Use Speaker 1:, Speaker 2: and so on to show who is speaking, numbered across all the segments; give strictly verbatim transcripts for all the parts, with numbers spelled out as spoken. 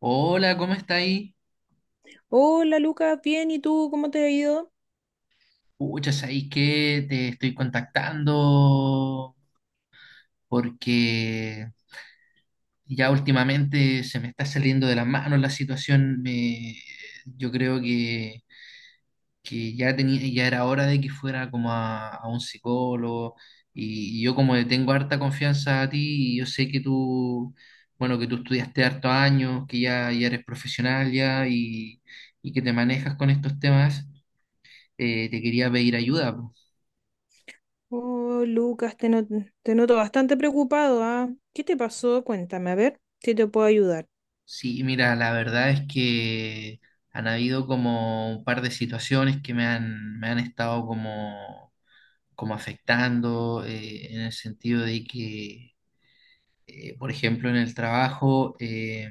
Speaker 1: Hola, ¿cómo está ahí?
Speaker 2: Hola, Lucas, bien, ¿y tú cómo te ha ido?
Speaker 1: Pucha, ¿sabéis que te estoy contactando? Porque ya últimamente se me está saliendo de las manos la situación. Me, yo creo que, que ya tenía, ya era hora de que fuera como a, a un psicólogo. Y, y yo como le tengo harta confianza a ti, y yo sé que tú, bueno, que tú estudiaste hartos años, que ya, ya eres profesional ya y, y que te manejas con estos temas, eh, te quería pedir ayuda.
Speaker 2: Oh, Lucas, te, not- te noto bastante preocupado, ¿ah? ¿Qué te pasó? Cuéntame, a ver si te puedo ayudar.
Speaker 1: Sí, mira, la verdad es que han habido como un par de situaciones que me han, me han estado como, como afectando, eh, en el sentido de que, eh, por ejemplo, en el trabajo, eh,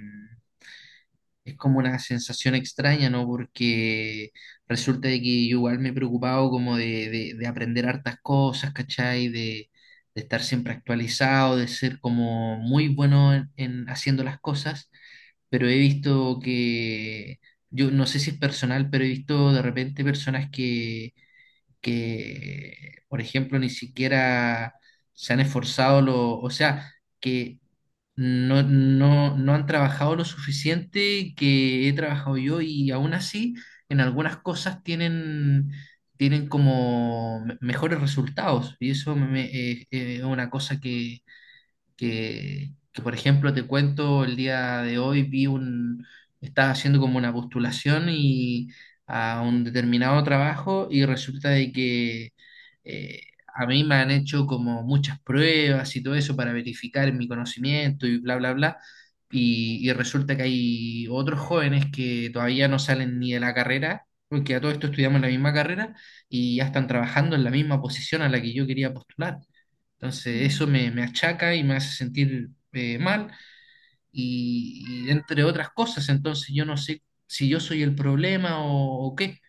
Speaker 1: es como una sensación extraña, ¿no? Porque resulta de que yo igual me he preocupado como de, de- de aprender hartas cosas, ¿cachai? De, de estar siempre actualizado, de ser como muy bueno en en haciendo las cosas pero he visto que, yo no sé si es personal, pero he visto de repente personas que, que, por ejemplo, ni siquiera se han esforzado, lo, o sea, que no, no, no han trabajado lo suficiente que he trabajado yo y aún así en algunas cosas tienen, tienen como me- mejores resultados y eso me- me- eh, eh, es una cosa que que, que, por ejemplo, te cuento, el día de hoy vi un, estaba haciendo como una postulación y a un determinado trabajo y resulta de que eh, a mí me han hecho como muchas pruebas y todo eso para verificar mi conocimiento y bla, bla, bla. Y, y resulta que hay otros jóvenes que todavía no salen ni de la carrera, porque a todo esto estudiamos la misma carrera y ya están trabajando en la misma posición a la que yo quería postular. Entonces eso
Speaker 2: Mm,
Speaker 1: me, me achaca y me hace sentir eh, mal y, y entre otras cosas. Entonces yo no sé si yo soy el problema o, o qué.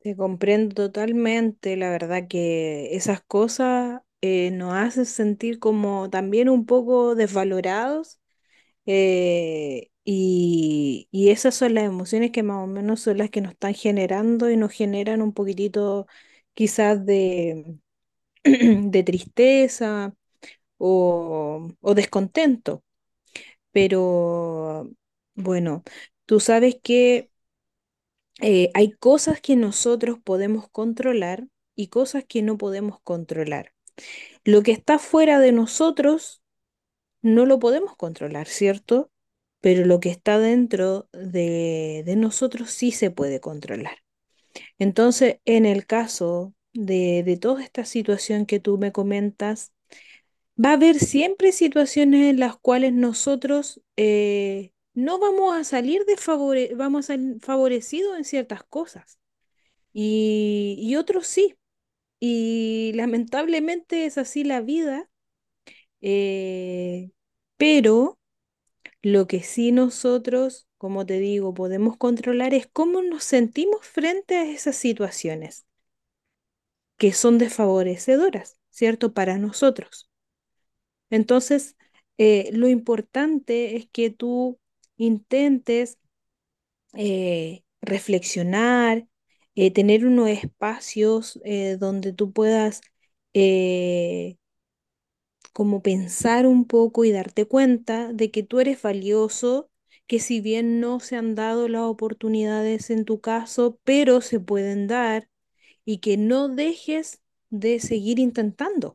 Speaker 2: te comprendo totalmente, la verdad que esas cosas eh, nos hacen sentir como también un poco desvalorados, eh, y, y esas son las emociones que más o menos son las que nos están generando y nos generan un poquitito quizás de, de tristeza o, o descontento. Pero bueno, tú sabes que eh, hay cosas que nosotros podemos controlar y cosas que no podemos controlar. Lo que está fuera de nosotros no lo podemos controlar, ¿cierto? Pero lo que está dentro de, de nosotros sí se puede controlar. Entonces, en el caso de, de toda esta situación que tú me comentas, va a haber siempre situaciones en las cuales nosotros eh, no vamos a salir desfavore- vamos a salir favorecidos en ciertas cosas, y, y otros sí. Y lamentablemente es así la vida, eh, pero lo que sí nosotros, como te digo, podemos controlar es cómo nos sentimos frente a esas situaciones que son desfavorecedoras, ¿cierto? Para nosotros. Entonces, eh, lo importante es que tú intentes eh, reflexionar, eh, tener unos espacios eh, donde tú puedas eh, como pensar un poco y darte cuenta de que tú eres valioso, que si bien no se han dado las oportunidades en tu caso, pero se pueden dar y que no dejes de seguir intentando.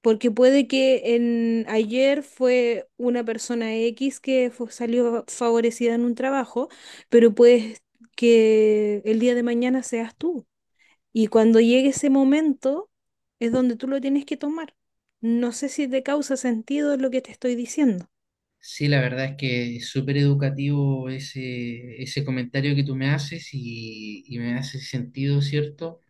Speaker 2: Porque puede que en ayer fue una persona X que fu- salió favorecida en un trabajo, pero puede que el día de mañana seas tú. Y cuando llegue ese momento es donde tú lo tienes que tomar. No sé si te causa sentido lo que te estoy diciendo.
Speaker 1: Sí, la verdad es que es súper educativo ese, ese comentario que tú me haces y, y me hace sentido, ¿cierto?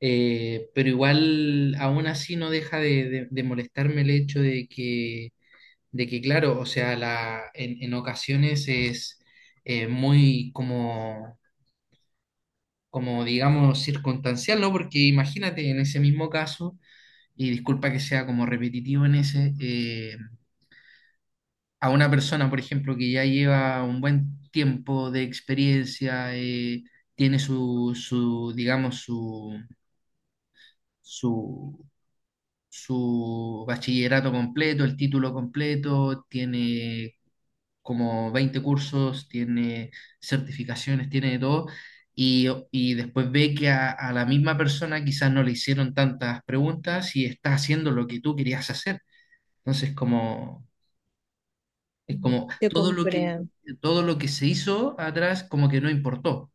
Speaker 1: Eh, pero igual, aún así, no deja de, de- de molestarme el hecho de que, de que claro, o sea, la, en, en ocasiones es eh, muy como como digamos circunstancial, ¿no? Porque imagínate en ese mismo caso, y disculpa que sea como repetitivo en ese, eh, a una persona, por ejemplo, que ya lleva un buen tiempo de experiencia, eh, tiene su, su, digamos, su, su, su bachillerato completo, el título completo, tiene como veinte cursos, tiene certificaciones, tiene de todo, y, y después ve que a, a la misma persona quizás no le hicieron tantas preguntas y está haciendo lo que tú querías hacer. Entonces, como, es
Speaker 2: Mm,
Speaker 1: como
Speaker 2: te
Speaker 1: todo lo que,
Speaker 2: comprendo.
Speaker 1: todo lo que se hizo atrás como que no importó.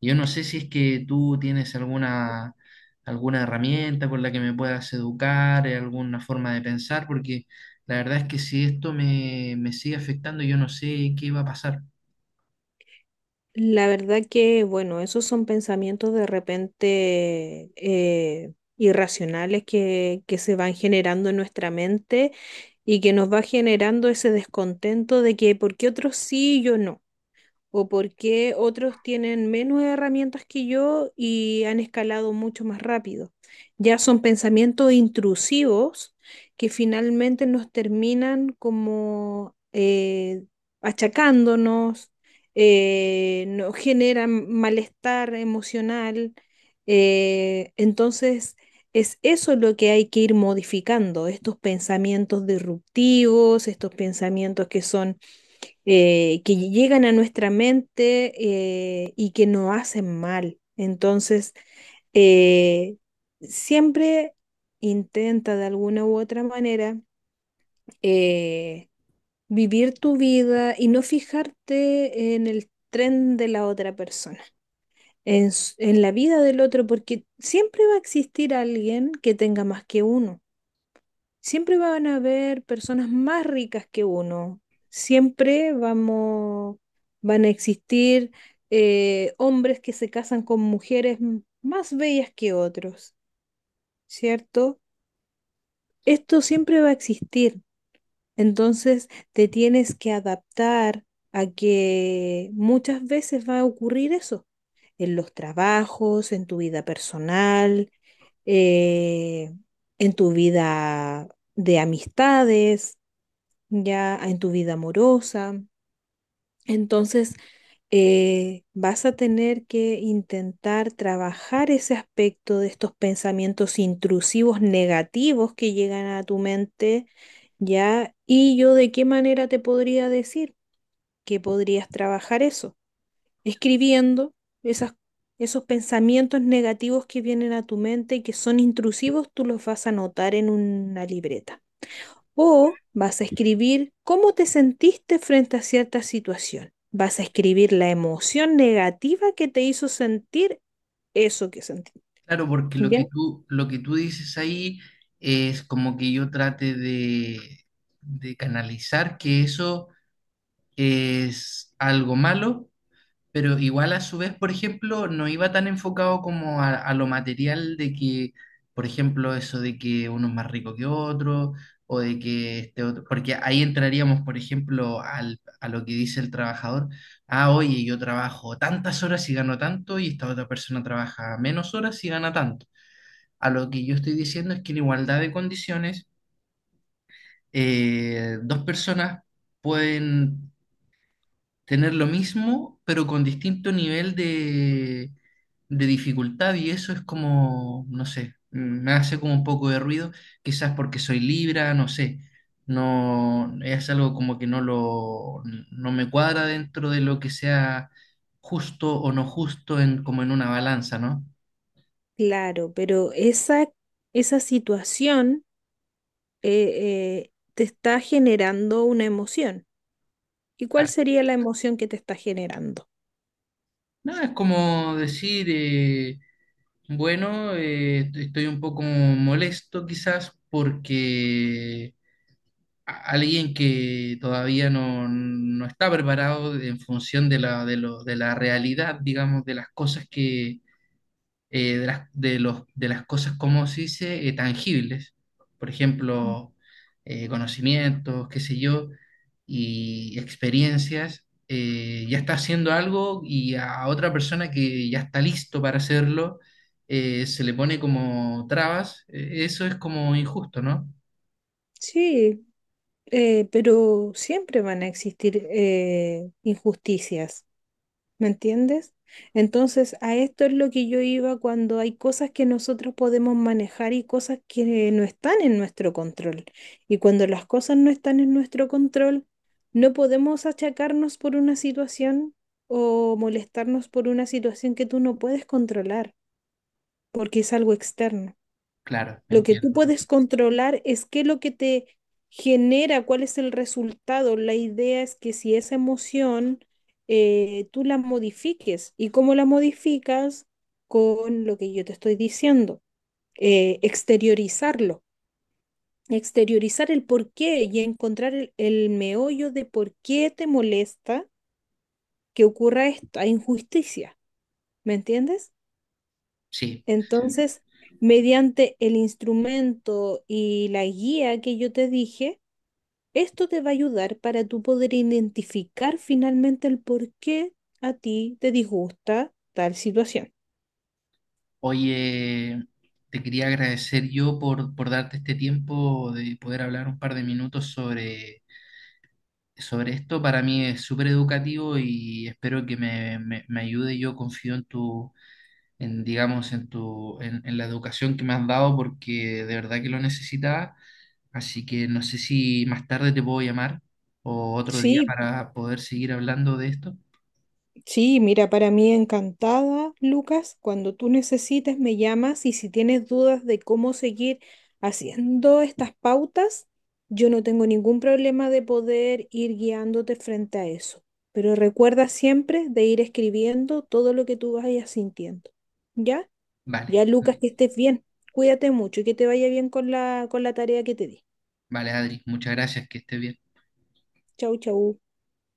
Speaker 1: Yo no sé si es que tú tienes alguna, alguna herramienta con la que me puedas educar, eh, alguna forma de pensar, porque la verdad es que si esto me, me sigue afectando, yo no sé qué va a pasar.
Speaker 2: La verdad que, bueno, esos son pensamientos de repente eh, irracionales que, que se van generando en nuestra mente y que nos va generando ese descontento de que ¿por qué otros sí y yo no? O por qué otros tienen menos herramientas que yo y han escalado mucho más rápido. Ya son pensamientos intrusivos que finalmente nos terminan como eh, achacándonos, eh, nos generan malestar emocional. eh, entonces, es eso lo que hay que ir modificando, estos pensamientos disruptivos, estos pensamientos que son eh, que llegan a nuestra mente, eh, y que nos hacen mal. Entonces, eh, siempre intenta de alguna u otra manera eh, vivir tu vida y no fijarte en el tren de la otra persona, en, s- en la vida del otro, porque siempre va a existir alguien que tenga más que uno. Siempre van a haber personas más ricas que uno. Siempre vamos, van a existir eh, hombres que se casan con mujeres m- más bellas que otros, ¿cierto? Esto siempre va a existir. Entonces te tienes que adaptar a que muchas veces va a ocurrir eso, en los trabajos, en tu vida personal, eh, en tu vida de amistades, ya en tu vida amorosa. Entonces, eh, vas a tener que intentar trabajar ese aspecto de estos pensamientos intrusivos negativos que llegan a tu mente, ya. ¿Y yo de qué manera te podría decir que podrías trabajar eso? Escribiendo esas, esos pensamientos negativos que vienen a tu mente y que son intrusivos, tú los vas a anotar en una libreta. O vas a escribir cómo te sentiste frente a cierta situación. Vas a escribir la emoción negativa que te hizo sentir eso que sentiste.
Speaker 1: Claro, porque lo
Speaker 2: ¿Ya?
Speaker 1: que tú, lo que tú dices ahí es como que yo trate de, de canalizar que eso es algo malo, pero igual a su vez, por ejemplo, no iba tan enfocado como a, a lo material de que, por ejemplo, eso de que uno es más rico que otro, o de que este otro, porque ahí entraríamos, por ejemplo, al, a lo que dice el trabajador, ah, oye, yo trabajo tantas horas y gano tanto, y esta otra persona trabaja menos horas y gana tanto. A lo que yo estoy diciendo es que en igualdad de condiciones, eh, dos personas pueden tener lo mismo, pero con distinto nivel de, de dificultad y eso es como, no sé, me hace como un poco de ruido, quizás porque soy Libra, no sé, no, es algo como que no lo, no me cuadra dentro de lo que sea justo o no justo en, como en una balanza, ¿no?
Speaker 2: Claro, pero esa, esa situación, eh, eh, te está generando una emoción. ¿Y cuál
Speaker 1: Claro.
Speaker 2: sería la emoción que te está generando?
Speaker 1: No, es como decir... eh, bueno, eh, estoy un poco molesto quizás porque a- alguien que todavía no, no está preparado en función de la, de lo- de la realidad, digamos, de las cosas que, eh, de las, de los, de las cosas, como se dice, eh, tangibles, por ejemplo, eh, conocimientos, qué sé yo, y experiencias, eh, ya está haciendo algo y a otra persona que ya está listo para hacerlo, eh, se le pone como trabas. Eh, eso es como injusto, ¿no?
Speaker 2: Sí, eh, pero siempre van a existir eh, injusticias. ¿Me entiendes? Entonces, a esto es lo que yo iba cuando hay cosas que nosotros podemos manejar y cosas que no están en nuestro control. Y cuando las cosas no están en nuestro control, no podemos achacarnos por una situación o molestarnos por una situación que tú no puedes controlar, porque es algo externo.
Speaker 1: Claro,
Speaker 2: Lo que tú
Speaker 1: entiendo.
Speaker 2: puedes controlar es qué es lo que te genera, cuál es el resultado. La idea es que si esa emoción eh, tú la modifiques, y cómo la modificas, con lo que yo te estoy diciendo, eh, exteriorizarlo, exteriorizar el por qué y encontrar el, el meollo de por qué te molesta que ocurra esta injusticia. ¿Me entiendes?
Speaker 1: Sí.
Speaker 2: Entonces, mediante el instrumento y la guía que yo te dije, esto te va a ayudar para tú poder identificar finalmente el por qué a ti te disgusta tal situación.
Speaker 1: Oye, te quería agradecer yo por, por darte este tiempo de poder hablar un par de minutos sobre sobre esto. Para mí es súper educativo y espero que me, me, me ayude. Yo confío en tu, en, digamos, en tu, en, en la educación que me has dado porque de verdad que lo necesitaba. Así que no sé si más tarde te puedo llamar o otro día
Speaker 2: Sí,
Speaker 1: para poder seguir hablando de esto.
Speaker 2: sí, mira, para mí encantada, Lucas, cuando tú necesites me llamas y si tienes dudas de cómo seguir haciendo estas pautas, yo no tengo ningún problema de poder ir guiándote frente a eso. Pero recuerda siempre de ir escribiendo todo lo que tú vayas sintiendo. ¿Ya?
Speaker 1: Vale,
Speaker 2: Ya, Lucas, que estés bien. Cuídate mucho y que te vaya bien con la, con la tarea que te di.
Speaker 1: vale, Adri, muchas gracias, que estés bien.
Speaker 2: Chau, chau.